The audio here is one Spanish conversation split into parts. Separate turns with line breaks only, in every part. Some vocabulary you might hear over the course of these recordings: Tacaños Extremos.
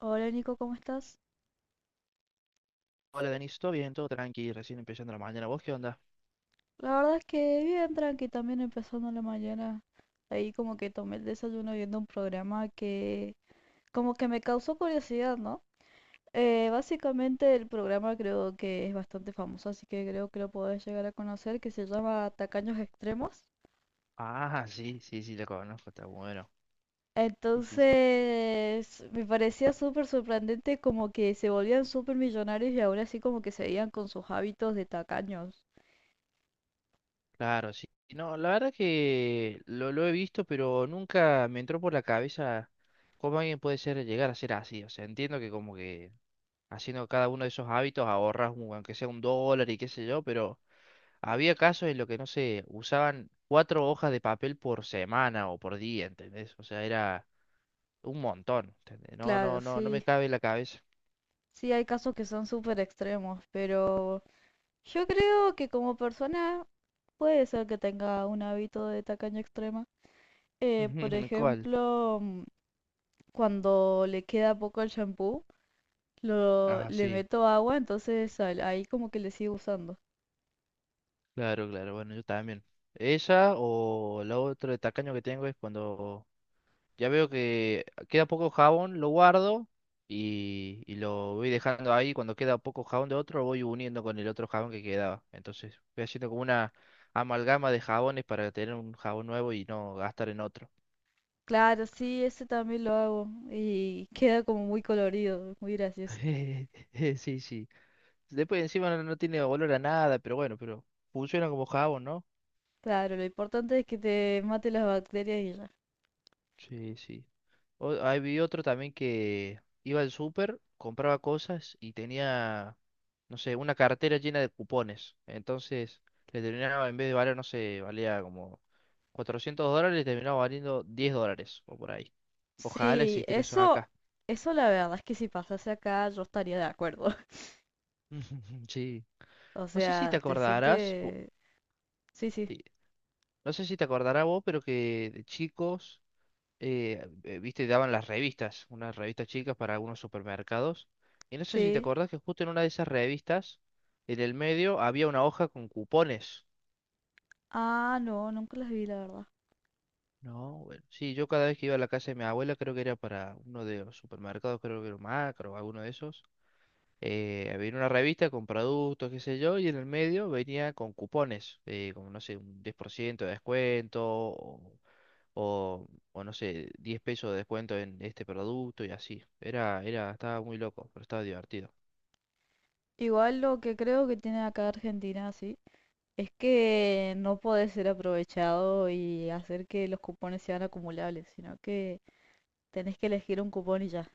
Hola Nico, ¿cómo estás?
Hola, Denis, ¿todo bien? Todo tranqui, recién empezando la mañana. ¿Vos qué onda?
La verdad es que bien tranqui, también empezando la mañana. Ahí como que tomé el desayuno viendo un programa que como que me causó curiosidad, ¿no? Básicamente el programa creo que es bastante famoso, así que creo que lo podés llegar a conocer, que se llama Tacaños Extremos.
Ah, sí, sí, sí, lo conozco, está bueno. Sí, sí, sí.
Entonces, me parecía súper sorprendente como que se volvían súper millonarios y ahora así como que seguían con sus hábitos de tacaños.
Claro, sí. No, la verdad que lo he visto, pero nunca me entró por la cabeza cómo alguien puede ser, llegar a ser así. O sea, entiendo que como que haciendo cada uno de esos hábitos ahorras aunque sea $1 y qué sé yo, pero había casos en los que, no sé, usaban cuatro hojas de papel por semana o por día, ¿entendés? O sea, era un montón, ¿entendés? No,
Claro,
no, no, no me
sí.
cabe en la cabeza.
Sí, hay casos que son súper extremos, pero yo creo que como persona puede ser que tenga un hábito de tacaña extrema. Por
¿Cuál?
ejemplo, cuando le queda poco el shampoo,
Ah,
le
sí,
meto agua, entonces ahí como que le sigo usando.
claro, claro, bueno, yo también. Esa o la otra de tacaño que tengo es cuando ya veo que queda poco jabón, lo guardo y lo voy dejando ahí. Cuando queda poco jabón de otro, lo voy uniendo con el otro jabón que quedaba. Entonces voy haciendo como una amalgama de jabones para tener un jabón nuevo y no gastar en otro.
Claro, sí, ese también lo hago y queda como muy colorido, muy gracioso.
Sí, sí. Después encima no, no tiene olor a nada, pero bueno, pero funciona como jabón, ¿no?
Claro, lo importante es que te mate las bacterias y ya.
Sí, sí. Ahí vi otro también que iba al súper, compraba cosas y tenía, no sé, una cartera llena de cupones. Entonces, le terminaba, en vez de valer, no sé, valía como $400, le terminaba valiendo $10 o por ahí. Ojalá
Sí,
existiera eso
eso,
acá.
eso la verdad es que si pasase acá yo estaría de acuerdo.
Sí.
O
No sé si te
sea, te
acordarás,
sientes... Sí, sí,
sí, no sé si te acordarás vos, pero que de chicos viste, daban las revistas, unas revistas chicas para algunos supermercados. Y no sé si te
sí.
acordás que justo en una de esas revistas, en el medio, había una hoja con cupones.
Ah, no, nunca las vi, la verdad.
No, bueno, sí, yo cada vez que iba a la casa de mi abuela, creo que era para uno de los supermercados, creo que era Macro o alguno de esos. Había una revista con productos, qué sé yo, y en el medio venía con cupones, como no sé, un 10% de descuento, o no sé, 10 pesos de descuento en este producto y así. Estaba muy loco, pero estaba divertido.
Igual lo que creo que tiene acá Argentina, sí, es que no podés ser aprovechado y hacer que los cupones sean acumulables, sino que tenés que elegir un cupón y ya.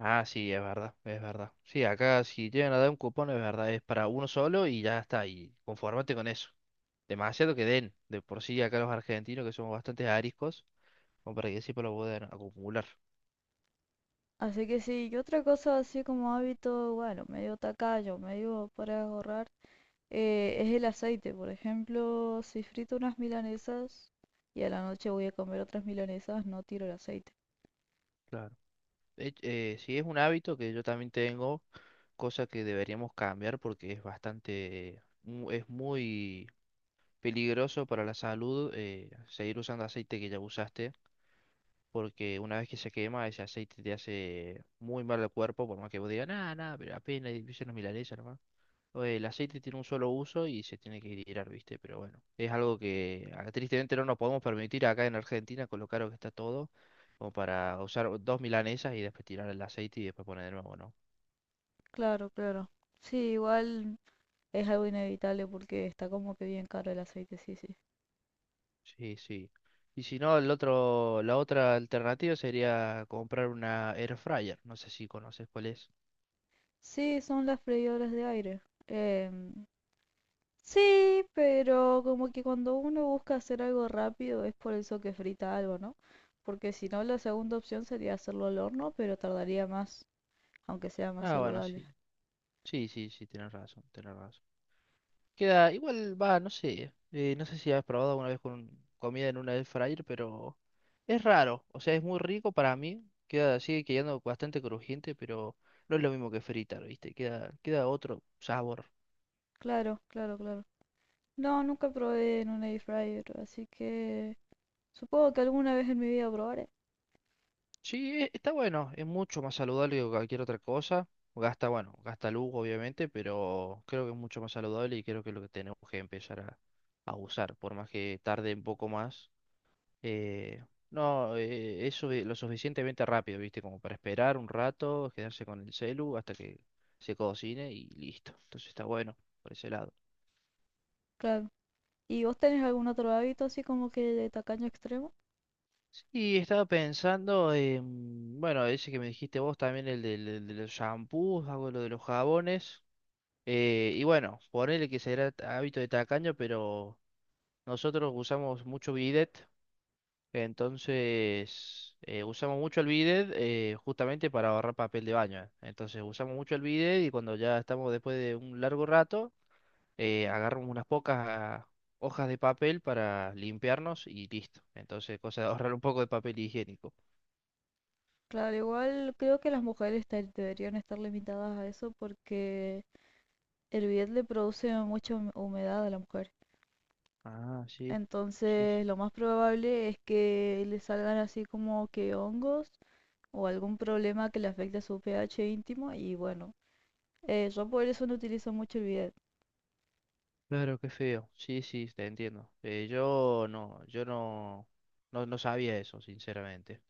Ah, sí, es verdad, es verdad. Sí, acá si llegan a dar un cupón, es verdad, es para uno solo y ya está, y conformate con eso. Demasiado que den, de por sí acá los argentinos que somos bastante ariscos, como para que siempre lo puedan acumular.
Así que sí, y otra cosa así como hábito, bueno, medio tacaño, medio para ahorrar, es el aceite. Por ejemplo, si frito unas milanesas y a la noche voy a comer otras milanesas, no tiro el aceite.
Claro. De Sí, es un hábito que yo también tengo, cosa que deberíamos cambiar porque es bastante, es muy peligroso para la salud seguir usando aceite que ya usaste, porque una vez que se quema, ese aceite te hace muy mal al cuerpo, por más que vos digas, nada, nada, pero apenas hice unas milanesas nomás. O El aceite tiene un solo uso y se tiene que tirar, ¿viste? Pero bueno, es algo que ah, tristemente no nos podemos permitir acá en Argentina con lo caro que está todo, como para usar dos milanesas y después tirar el aceite y después poner de nuevo, ¿no?
Claro, claro. Sí, igual es algo inevitable porque está como que bien caro el aceite, sí, sí.
Sí, sí. Y si no, el otro, la otra alternativa sería comprar una air fryer. No sé si conoces cuál es.
Sí, son las freidoras de aire. Em, sí, pero como que cuando uno busca hacer algo rápido es por eso que frita algo, ¿no? Porque si no, la segunda opción sería hacerlo al horno, pero tardaría más, aunque sea más
Ah, bueno,
saludable.
sí. Sí, sí, sí, tienes razón, tienes razón. Queda, igual va, no sé. No sé si has probado alguna vez con comida en una air fryer, pero es raro. O sea, es muy rico para mí. Queda, sigue quedando bastante crujiente, pero no es lo mismo que fritar, ¿viste? Queda otro sabor.
Claro, claro, claro. No, nunca probé en un air fryer, así que supongo que alguna vez en mi vida probaré.
Sí, está bueno, es mucho más saludable que cualquier otra cosa. Gasta, bueno, gasta luz obviamente, pero creo que es mucho más saludable y creo que es lo que tenemos que empezar a usar, por más que tarde un poco más. eh, no, es lo suficientemente rápido, ¿viste? Como para esperar un rato, quedarse con el celu hasta que se cocine y listo. Entonces está bueno por ese lado.
Claro. ¿Y vos tenés algún otro hábito así como que de tacaño extremo?
Sí, estaba pensando, bueno, ese que me dijiste vos también, de los shampoos, hago lo de los jabones. Y bueno, ponele que será hábito de tacaño, pero nosotros usamos mucho bidet, entonces usamos mucho el bidet justamente para ahorrar papel de baño. Entonces usamos mucho el bidet y cuando ya estamos después de un largo rato, agarramos unas pocas hojas de papel para limpiarnos y listo. Entonces, cosa de ahorrar un poco de papel higiénico.
Claro, igual creo que las mujeres deberían estar limitadas a eso porque el bidet le produce mucha humedad a la mujer.
Ah, sí, sí,
Entonces, lo más probable es que le salgan así como que hongos o algún problema que le afecte a su pH íntimo y bueno, yo por eso no utilizo mucho el bidet,
claro, qué feo. Sí, sí, te entiendo. Yo no, no sabía eso, sinceramente.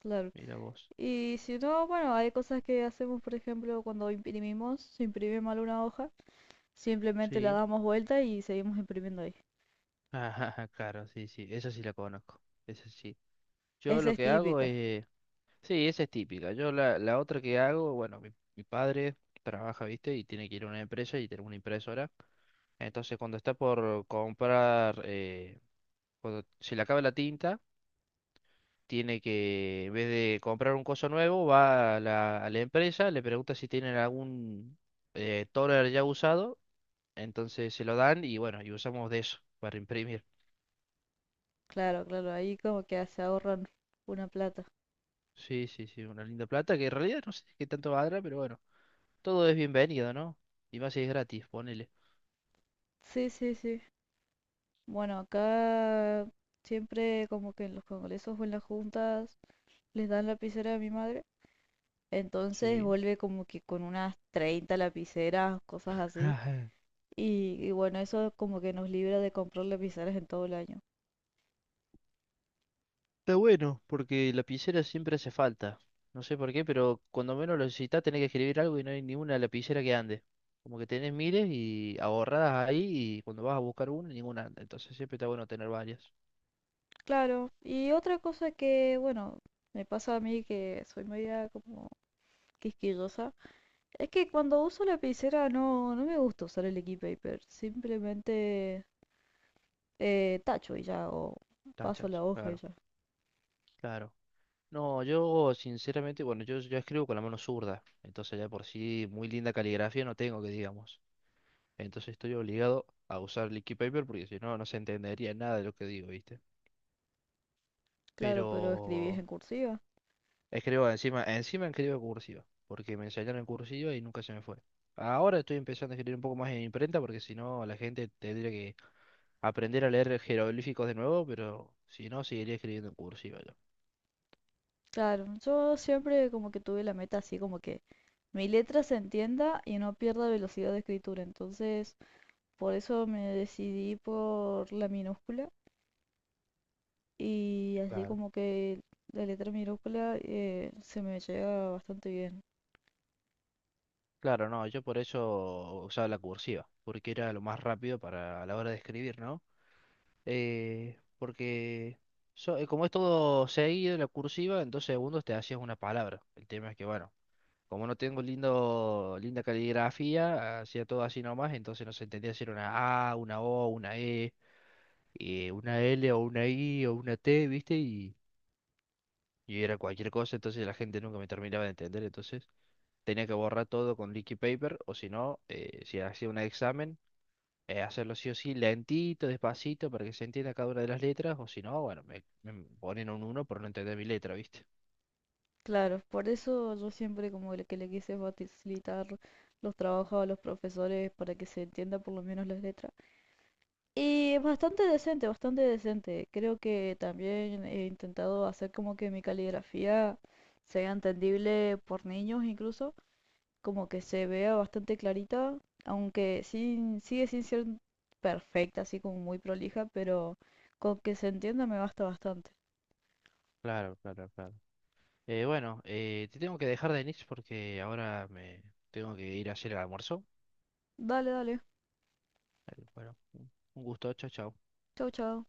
claro.
Mira vos.
Y si no, bueno, hay cosas que hacemos, por ejemplo, cuando imprimimos, se imprime mal una hoja. Simplemente la
Sí.
damos vuelta y seguimos imprimiendo ahí.
Ajá, claro, sí, sí. Esa sí la conozco. Esa sí. Yo
Esa
lo
es
que hago
típica.
es. Sí, esa es típica. Yo la otra que hago, bueno, mi padre trabaja, ¿viste? Y tiene que ir a una empresa y tener una impresora. Entonces, cuando está por comprar, cuando se le acaba la tinta, tiene que, en vez de comprar un coso nuevo, va a a la empresa, le pregunta si tienen algún toner ya usado, entonces se lo dan y bueno, y usamos de eso para imprimir.
Claro, claro, ahí como que se ahorran una plata.
Sí, sí, sí, una linda plata que en realidad no sé qué tanto valdrá, pero bueno, todo es bienvenido, ¿no? Y más si es gratis, ponele.
Sí, sí, sí. Bueno, acá siempre como que en los congresos o en las juntas les dan lapicera a mi madre. Entonces
Sí.
vuelve como que con unas 30 lapiceras, cosas así. Y bueno, eso como que nos libra de comprar lapiceras en todo el año.
Está bueno, porque lapicera siempre hace falta. No sé por qué, pero cuando menos lo necesitas tenés que escribir algo y no hay ninguna lapicera que ande. Como que tenés miles y ahorradas ahí y cuando vas a buscar una, ninguna anda. Entonces siempre está bueno tener varias
Claro, y otra cosa que, bueno, me pasa a mí que soy media como quisquillosa. Es que cuando uso lapicera no me gusta usar el Liquid Paper. Simplemente tacho y ya, o paso la
tachas.
hoja y
Claro,
ya.
claro. No, yo sinceramente, bueno, yo escribo con la mano zurda. Entonces ya por sí muy linda caligrafía no tengo que digamos. Entonces estoy obligado a usar liquid paper porque si no, no se entendería nada de lo que digo, ¿viste?
Claro, pero escribís
Pero.
en cursiva.
Escribo encima, encima escribo en cursiva, porque me enseñaron en cursiva y nunca se me fue. Ahora estoy empezando a escribir un poco más en imprenta, porque si no la gente tendría que aprender a leer jeroglíficos de nuevo, pero si no seguiría escribiendo en cursiva yo.
Claro, yo siempre como que tuve la meta así como que mi letra se entienda y no pierda velocidad de escritura. Entonces, por eso me decidí por la minúscula y así
Claro.
como que la letra minúscula se me llega bastante bien.
Claro, no, yo por eso usaba la cursiva, porque era lo más rápido para a la hora de escribir, ¿no? Porque como es todo seguido, la cursiva, en 2 segundos te hacías una palabra. El tema es que, bueno, como no tengo lindo, linda caligrafía, hacía todo así nomás, entonces no se entendía si era una A, una O, una E, una L o una I o una T, ¿viste? Y era cualquier cosa, entonces la gente nunca me terminaba de entender, entonces tenía que borrar todo con leaky paper, o si no, si hacía un examen, hacerlo sí o sí, lentito, despacito, para que se entienda cada una de las letras, o si no, bueno, me ponen un uno por no entender mi letra, ¿viste?
Claro, por eso yo siempre como que le quise facilitar los trabajos a los profesores para que se entienda por lo menos las letras. Y bastante decente, bastante decente. Creo que también he intentado hacer como que mi caligrafía sea entendible por niños incluso, como que se vea bastante clarita, aunque sin, sigue sin ser perfecta, así como muy prolija, pero con que se entienda me basta bastante.
Claro, claro, claro. Bueno, te tengo que dejar, Denis, porque ahora me tengo que ir a hacer el almuerzo.
Dale, dale.
Bueno, un gusto, chao, chao.
Chau, chau.